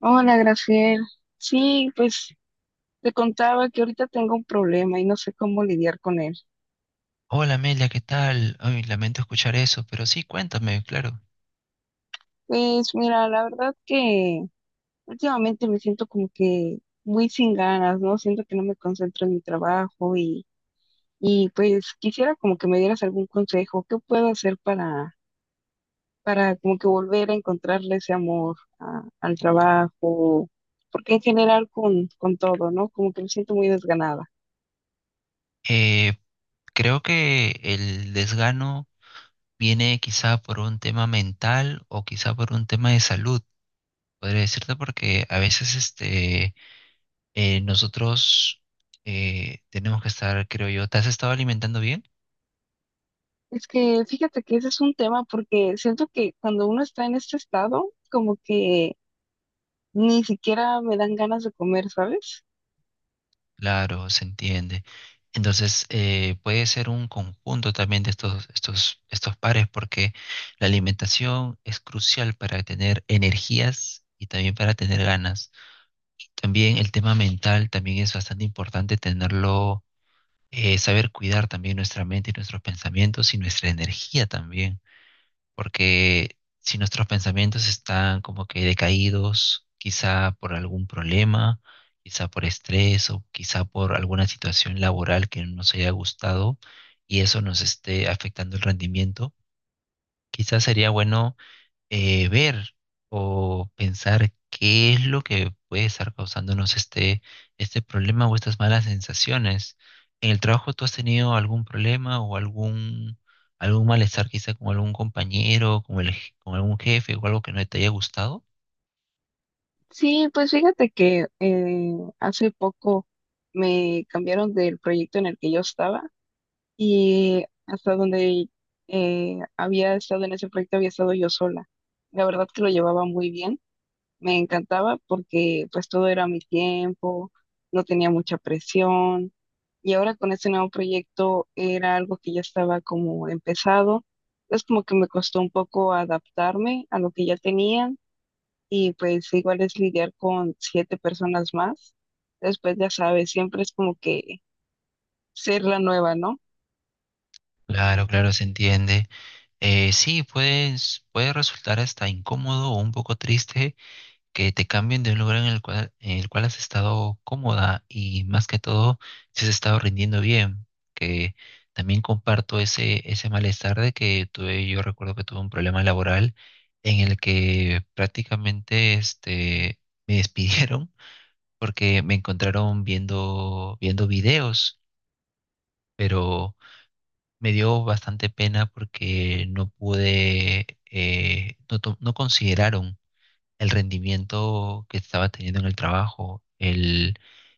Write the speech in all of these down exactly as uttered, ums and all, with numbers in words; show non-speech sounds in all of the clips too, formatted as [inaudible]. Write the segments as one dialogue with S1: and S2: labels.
S1: Hola, Graciel. Sí, pues te contaba que ahorita tengo un problema y no sé cómo lidiar con él.
S2: Hola Amelia, ¿qué tal? Ay, lamento escuchar eso, pero sí, cuéntame, claro.
S1: Pues mira, la verdad que últimamente me siento como que muy sin ganas, ¿no? Siento que no me concentro en mi trabajo y, y pues quisiera como que me dieras algún consejo. ¿Qué puedo hacer para, para como que volver a encontrarle ese amor a- al trabajo? Porque en general con, con todo, ¿no? Como que me siento muy desganada.
S2: Eh, Creo que el desgano viene quizá por un tema mental o quizá por un tema de salud, podría decirte, porque a veces este, eh, nosotros eh, tenemos que estar, creo yo. ¿Te has estado alimentando bien?
S1: Es que fíjate que ese es un tema porque siento que cuando uno está en este estado, como que ni siquiera me dan ganas de comer, ¿sabes?
S2: Claro, se entiende. Entonces, eh, puede ser un conjunto también de estos, estos, estos pares, porque la alimentación es crucial para tener energías y también para tener ganas. También el tema mental también es bastante importante tenerlo, eh, saber cuidar también nuestra mente y nuestros pensamientos y nuestra energía también, porque si nuestros pensamientos están como que decaídos, quizá por algún problema, quizá por estrés o quizá por alguna situación laboral que no nos haya gustado y eso nos esté afectando el rendimiento, quizá sería bueno eh, ver o pensar qué es lo que puede estar causándonos este, este problema o estas malas sensaciones. ¿En el trabajo tú has tenido algún problema o algún, algún malestar quizá con algún compañero, con el, je- con algún jefe o algo que no te haya gustado?
S1: Sí, pues fíjate que eh, hace poco me cambiaron del proyecto en el que yo estaba y hasta donde eh, había estado en ese proyecto había estado yo sola. La verdad que lo llevaba muy bien. Me encantaba porque pues todo era a mi tiempo, no tenía mucha presión y ahora con este nuevo proyecto era algo que ya estaba como empezado. Es como que me costó un poco adaptarme a lo que ya tenía y pues igual es lidiar con siete personas más. Después ya sabes, siempre es como que ser la nueva, ¿no?
S2: Claro, claro, se entiende. Eh, sí, puedes, puede resultar hasta incómodo o un poco triste que te cambien de un lugar en el cual, en el cual has estado cómoda, y más que todo si has estado rindiendo bien, que también comparto ese, ese malestar de que tuve. Yo recuerdo que tuve un problema laboral en el que prácticamente este, me [laughs] despidieron porque me encontraron viendo, viendo videos, pero me dio bastante pena porque no pude, eh, no to- no consideraron el rendimiento que estaba teniendo en el trabajo, el,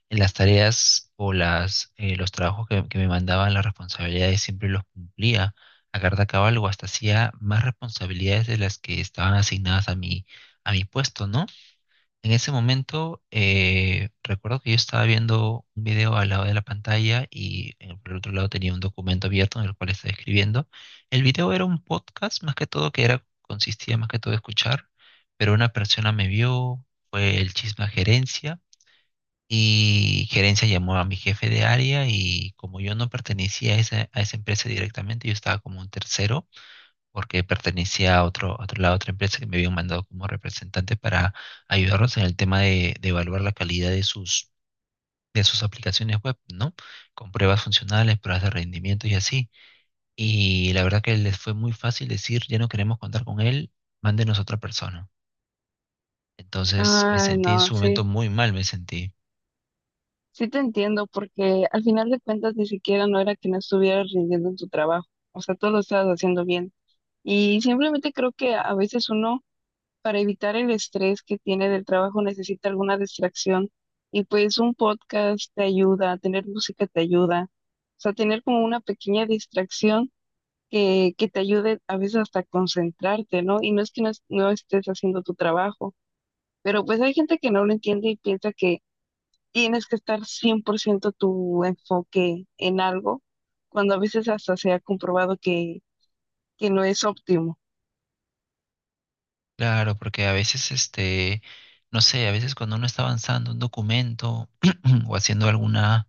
S2: en las tareas o las, eh, los trabajos que, que me mandaban, las responsabilidades siempre los cumplía a carta cabal, o hasta hacía más responsabilidades de las que estaban asignadas a mi, a mi puesto, ¿no? En ese momento, eh, recuerdo que yo estaba viendo un video al lado de la pantalla y en- por el otro lado tenía un documento abierto en el cual estaba escribiendo. El video era un podcast, más que todo, que era, consistía más que todo de escuchar, pero una persona me vio, fue el chisme a gerencia y gerencia llamó a mi jefe de área, y como yo no pertenecía a esa, a esa empresa directamente, yo estaba como un tercero porque pertenecía a otro, a otro- la otra empresa que me habían mandado como representante para ayudarnos en el tema de, de evaluar la calidad de sus, de sus aplicaciones web, ¿no? Con pruebas funcionales, pruebas de rendimiento y así. Y la verdad que les fue muy fácil decir, ya no queremos contar con él, mándenos otra persona. Entonces me
S1: Ay,
S2: sentí en
S1: no,
S2: su
S1: sí,
S2: momento muy mal, me sentí.
S1: sí te entiendo porque al final de cuentas ni siquiera no era que no estuvieras rindiendo en tu trabajo, o sea, todo lo estabas haciendo bien. Y simplemente creo que a veces uno, para evitar el estrés que tiene del trabajo, necesita alguna distracción. Y pues un podcast te ayuda, tener música te ayuda. O sea, tener como una pequeña distracción que, que te ayude a veces hasta a concentrarte, ¿no? Y no es que no, es- no estés haciendo tu trabajo, pero pues hay gente que no lo entiende y piensa que tienes que estar cien por ciento tu enfoque en algo, cuando a veces hasta se ha comprobado que, que no es óptimo.
S2: Claro, porque a veces este, no sé, a veces cuando uno está avanzando un documento [clears throat] o haciendo alguna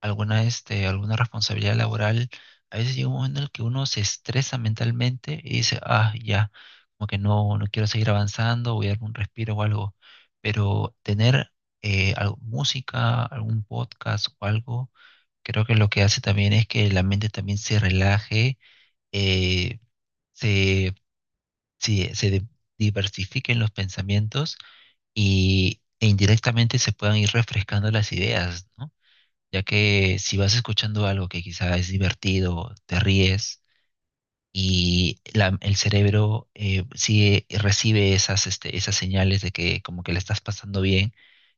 S2: alguna, este, alguna responsabilidad laboral, a veces llega un momento en el que uno se estresa mentalmente y dice, ah, ya, como que no, no quiero seguir avanzando, voy a darme un respiro o algo. Pero tener eh, al- música, algún podcast o algo, creo que lo que hace también es que la mente también se relaje, eh, se, se, se de- diversifiquen los pensamientos y, e indirectamente se puedan ir refrescando las ideas, ¿no? Ya que si vas escuchando algo que quizá es divertido, te ríes y la- el cerebro eh, sigue, recibe esas, este, esas señales de que como que la estás pasando bien,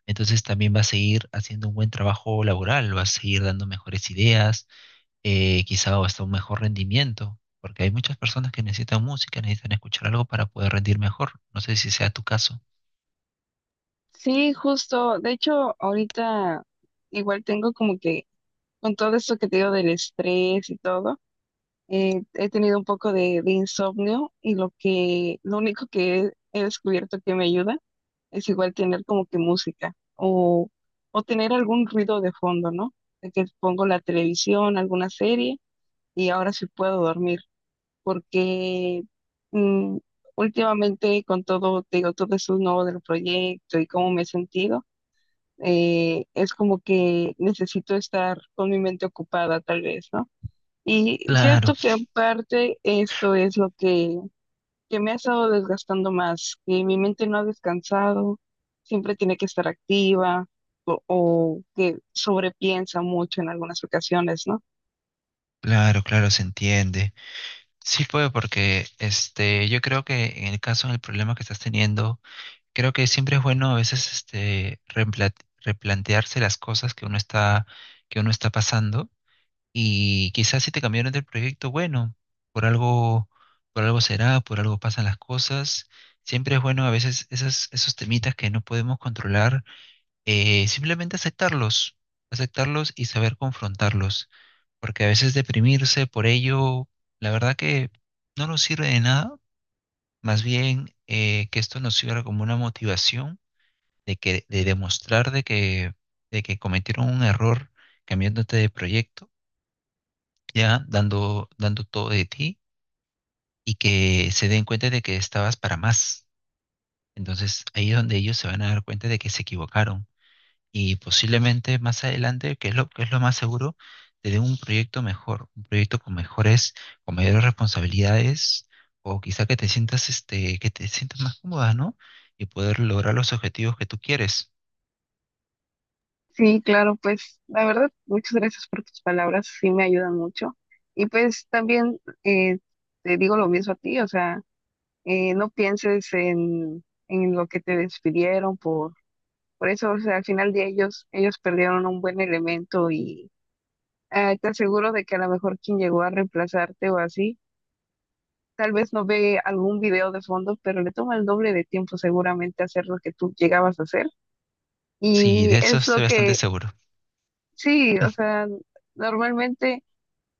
S2: entonces también va a seguir haciendo un buen trabajo laboral, va a seguir dando mejores ideas, eh, quizá hasta un mejor rendimiento, porque hay muchas personas que necesitan música, necesitan escuchar algo para poder rendir mejor. No sé si sea tu caso.
S1: Sí, justo. De hecho, ahorita igual tengo como que, con todo esto que te digo del estrés y todo, eh, he tenido un poco de, de insomnio y lo que, lo único que he, he descubierto que me ayuda es igual tener como que música o, o tener algún ruido de fondo, ¿no? De que pongo la televisión, alguna serie y ahora sí puedo dormir porque mm, últimamente con todo, te digo, todo eso nuevo del proyecto y cómo me he sentido eh, es como que necesito estar con mi mente ocupada tal vez, ¿no? Y
S2: Claro,
S1: cierto que en parte esto es lo que, que me ha estado desgastando más, que mi mente no ha descansado, siempre tiene que estar activa o, o que sobrepiensa mucho en algunas ocasiones, ¿no?
S2: claro, claro, se entiende. Sí puedo, porque este, yo creo que en el caso del problema que estás teniendo, creo que siempre es bueno a veces este, reempla- replantearse las cosas que uno está, que uno está pasando. Y quizás si te cambiaron del proyecto, bueno, por algo, por algo será, por algo pasan las cosas. Siempre es bueno a veces esas, esos temitas que no podemos controlar eh, simplemente aceptarlos, aceptarlos y saber confrontarlos, porque a veces deprimirse por ello, la verdad que no nos sirve de nada. Más bien eh, que esto nos sirva como una motivación de que de demostrar de que de que cometieron un error cambiándote de proyecto, ya dando dando todo de ti, y que se den cuenta de que estabas para más. Entonces ahí es donde ellos se van a dar cuenta de que se equivocaron, y posiblemente más adelante, que es lo, que es lo más seguro, te dé un proyecto mejor, un proyecto con mejores, con mayores responsabilidades, o quizá que te sientas, este, que te sientas más cómoda, ¿no? Y poder lograr los objetivos que tú quieres.
S1: Sí, claro, pues la verdad, muchas gracias por tus palabras, sí me ayudan mucho. Y pues también eh, te digo lo mismo a ti, o sea, eh, no pienses en, en lo que te despidieron por, por eso, o sea, al final de ellos, ellos perdieron un buen elemento y eh, te aseguro de que a lo mejor quien llegó a reemplazarte o así, tal vez no ve algún video de fondo, pero le toma el doble de tiempo seguramente hacer lo que tú llegabas a hacer.
S2: Sí,
S1: Y
S2: de eso
S1: es lo
S2: estoy bastante
S1: que,
S2: seguro.
S1: sí, o
S2: [laughs]
S1: sea, normalmente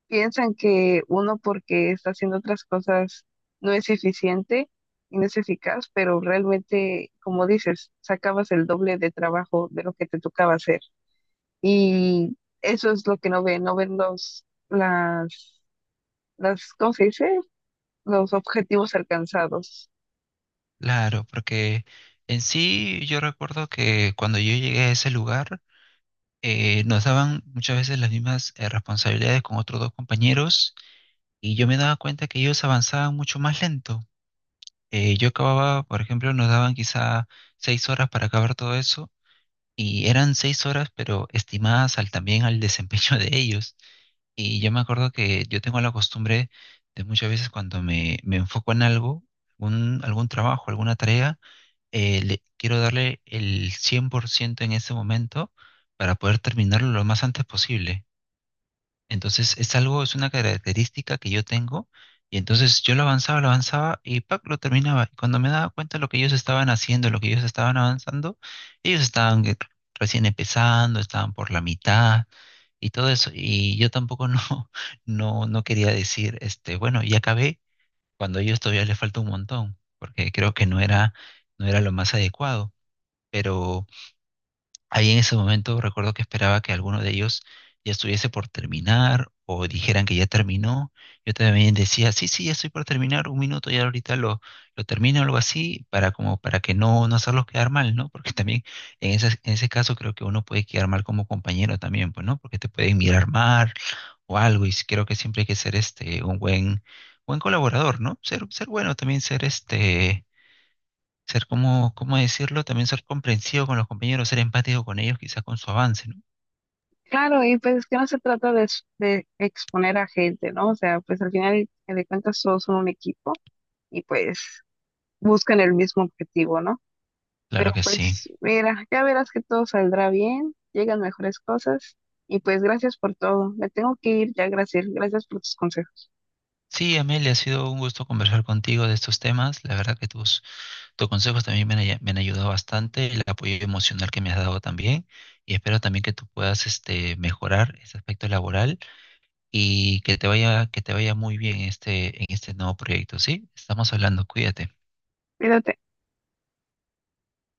S1: piensan que uno porque está haciendo otras cosas no es eficiente y no es eficaz, pero realmente, como dices, sacabas el doble de trabajo de lo que te tocaba hacer. Y eso es lo que no ven, no ven los, las, las, ¿cómo se dice? Los objetivos alcanzados.
S2: Claro, porque en sí yo recuerdo que cuando yo llegué a ese lugar, eh, nos daban muchas veces las mismas eh, responsabilidades con otros dos compañeros, y yo me daba cuenta que ellos avanzaban mucho más lento. Eh, yo acababa, por ejemplo, nos daban quizá seis horas para acabar todo eso, y eran seis horas, pero estimadas al, también al desempeño de ellos. Y yo me acuerdo que yo tengo la costumbre de muchas veces cuando me, me enfoco en algo, un- algún trabajo, alguna tarea, eh, le, quiero darle el cien por ciento en ese momento para poder terminarlo lo más antes posible. Entonces es algo, es una característica que yo tengo, y entonces yo lo avanzaba, lo avanzaba, y ¡pac! Lo terminaba. Y cuando me daba cuenta de lo que ellos estaban haciendo, lo que ellos estaban avanzando, ellos estaban eh, recién empezando, estaban por la mitad y todo eso. Y yo tampoco no, [laughs] no, no quería decir, este, bueno, ya acabé cuando a ellos todavía les falta un montón, porque creo que no era, no era lo más adecuado. Pero ahí en ese momento recuerdo que esperaba que alguno de ellos ya estuviese por terminar o dijeran que ya terminó. Yo también decía, sí, sí, ya estoy por terminar, un minuto ya ahorita lo, lo termino, algo así, para como para que no, no hacerlos quedar mal, ¿no? Porque también en esas- en ese caso creo que uno puede quedar mal como compañero también, pues, ¿no? Porque te pueden mirar mal o algo, y creo que siempre hay que ser este un buen, buen colaborador, ¿no? Ser, ser bueno también, ser este ser como, ¿cómo decirlo? También ser comprensivo con los compañeros, ser empático con ellos, quizás con su avance, ¿no?
S1: Claro, y pues es que no se trata de, s- de exponer a gente, ¿no? O sea, pues al final de cuentas todos son un equipo y pues buscan el mismo objetivo, ¿no? Pero
S2: Claro que sí.
S1: pues mira, ya verás que todo saldrá bien, llegan mejores cosas y pues gracias por todo. Me tengo que ir ya, gracias, gracias por tus consejos.
S2: Sí, Amelia, ha sido un gusto conversar contigo de estos temas. La verdad que tus, tus consejos también me han, ay- me han ayudado bastante, el apoyo emocional que me has dado también, y espero también que tú puedas este, mejorar ese aspecto laboral, y que te vaya, que te vaya muy bien este, en este nuevo proyecto, ¿sí? Estamos hablando, cuídate.
S1: Cuídate.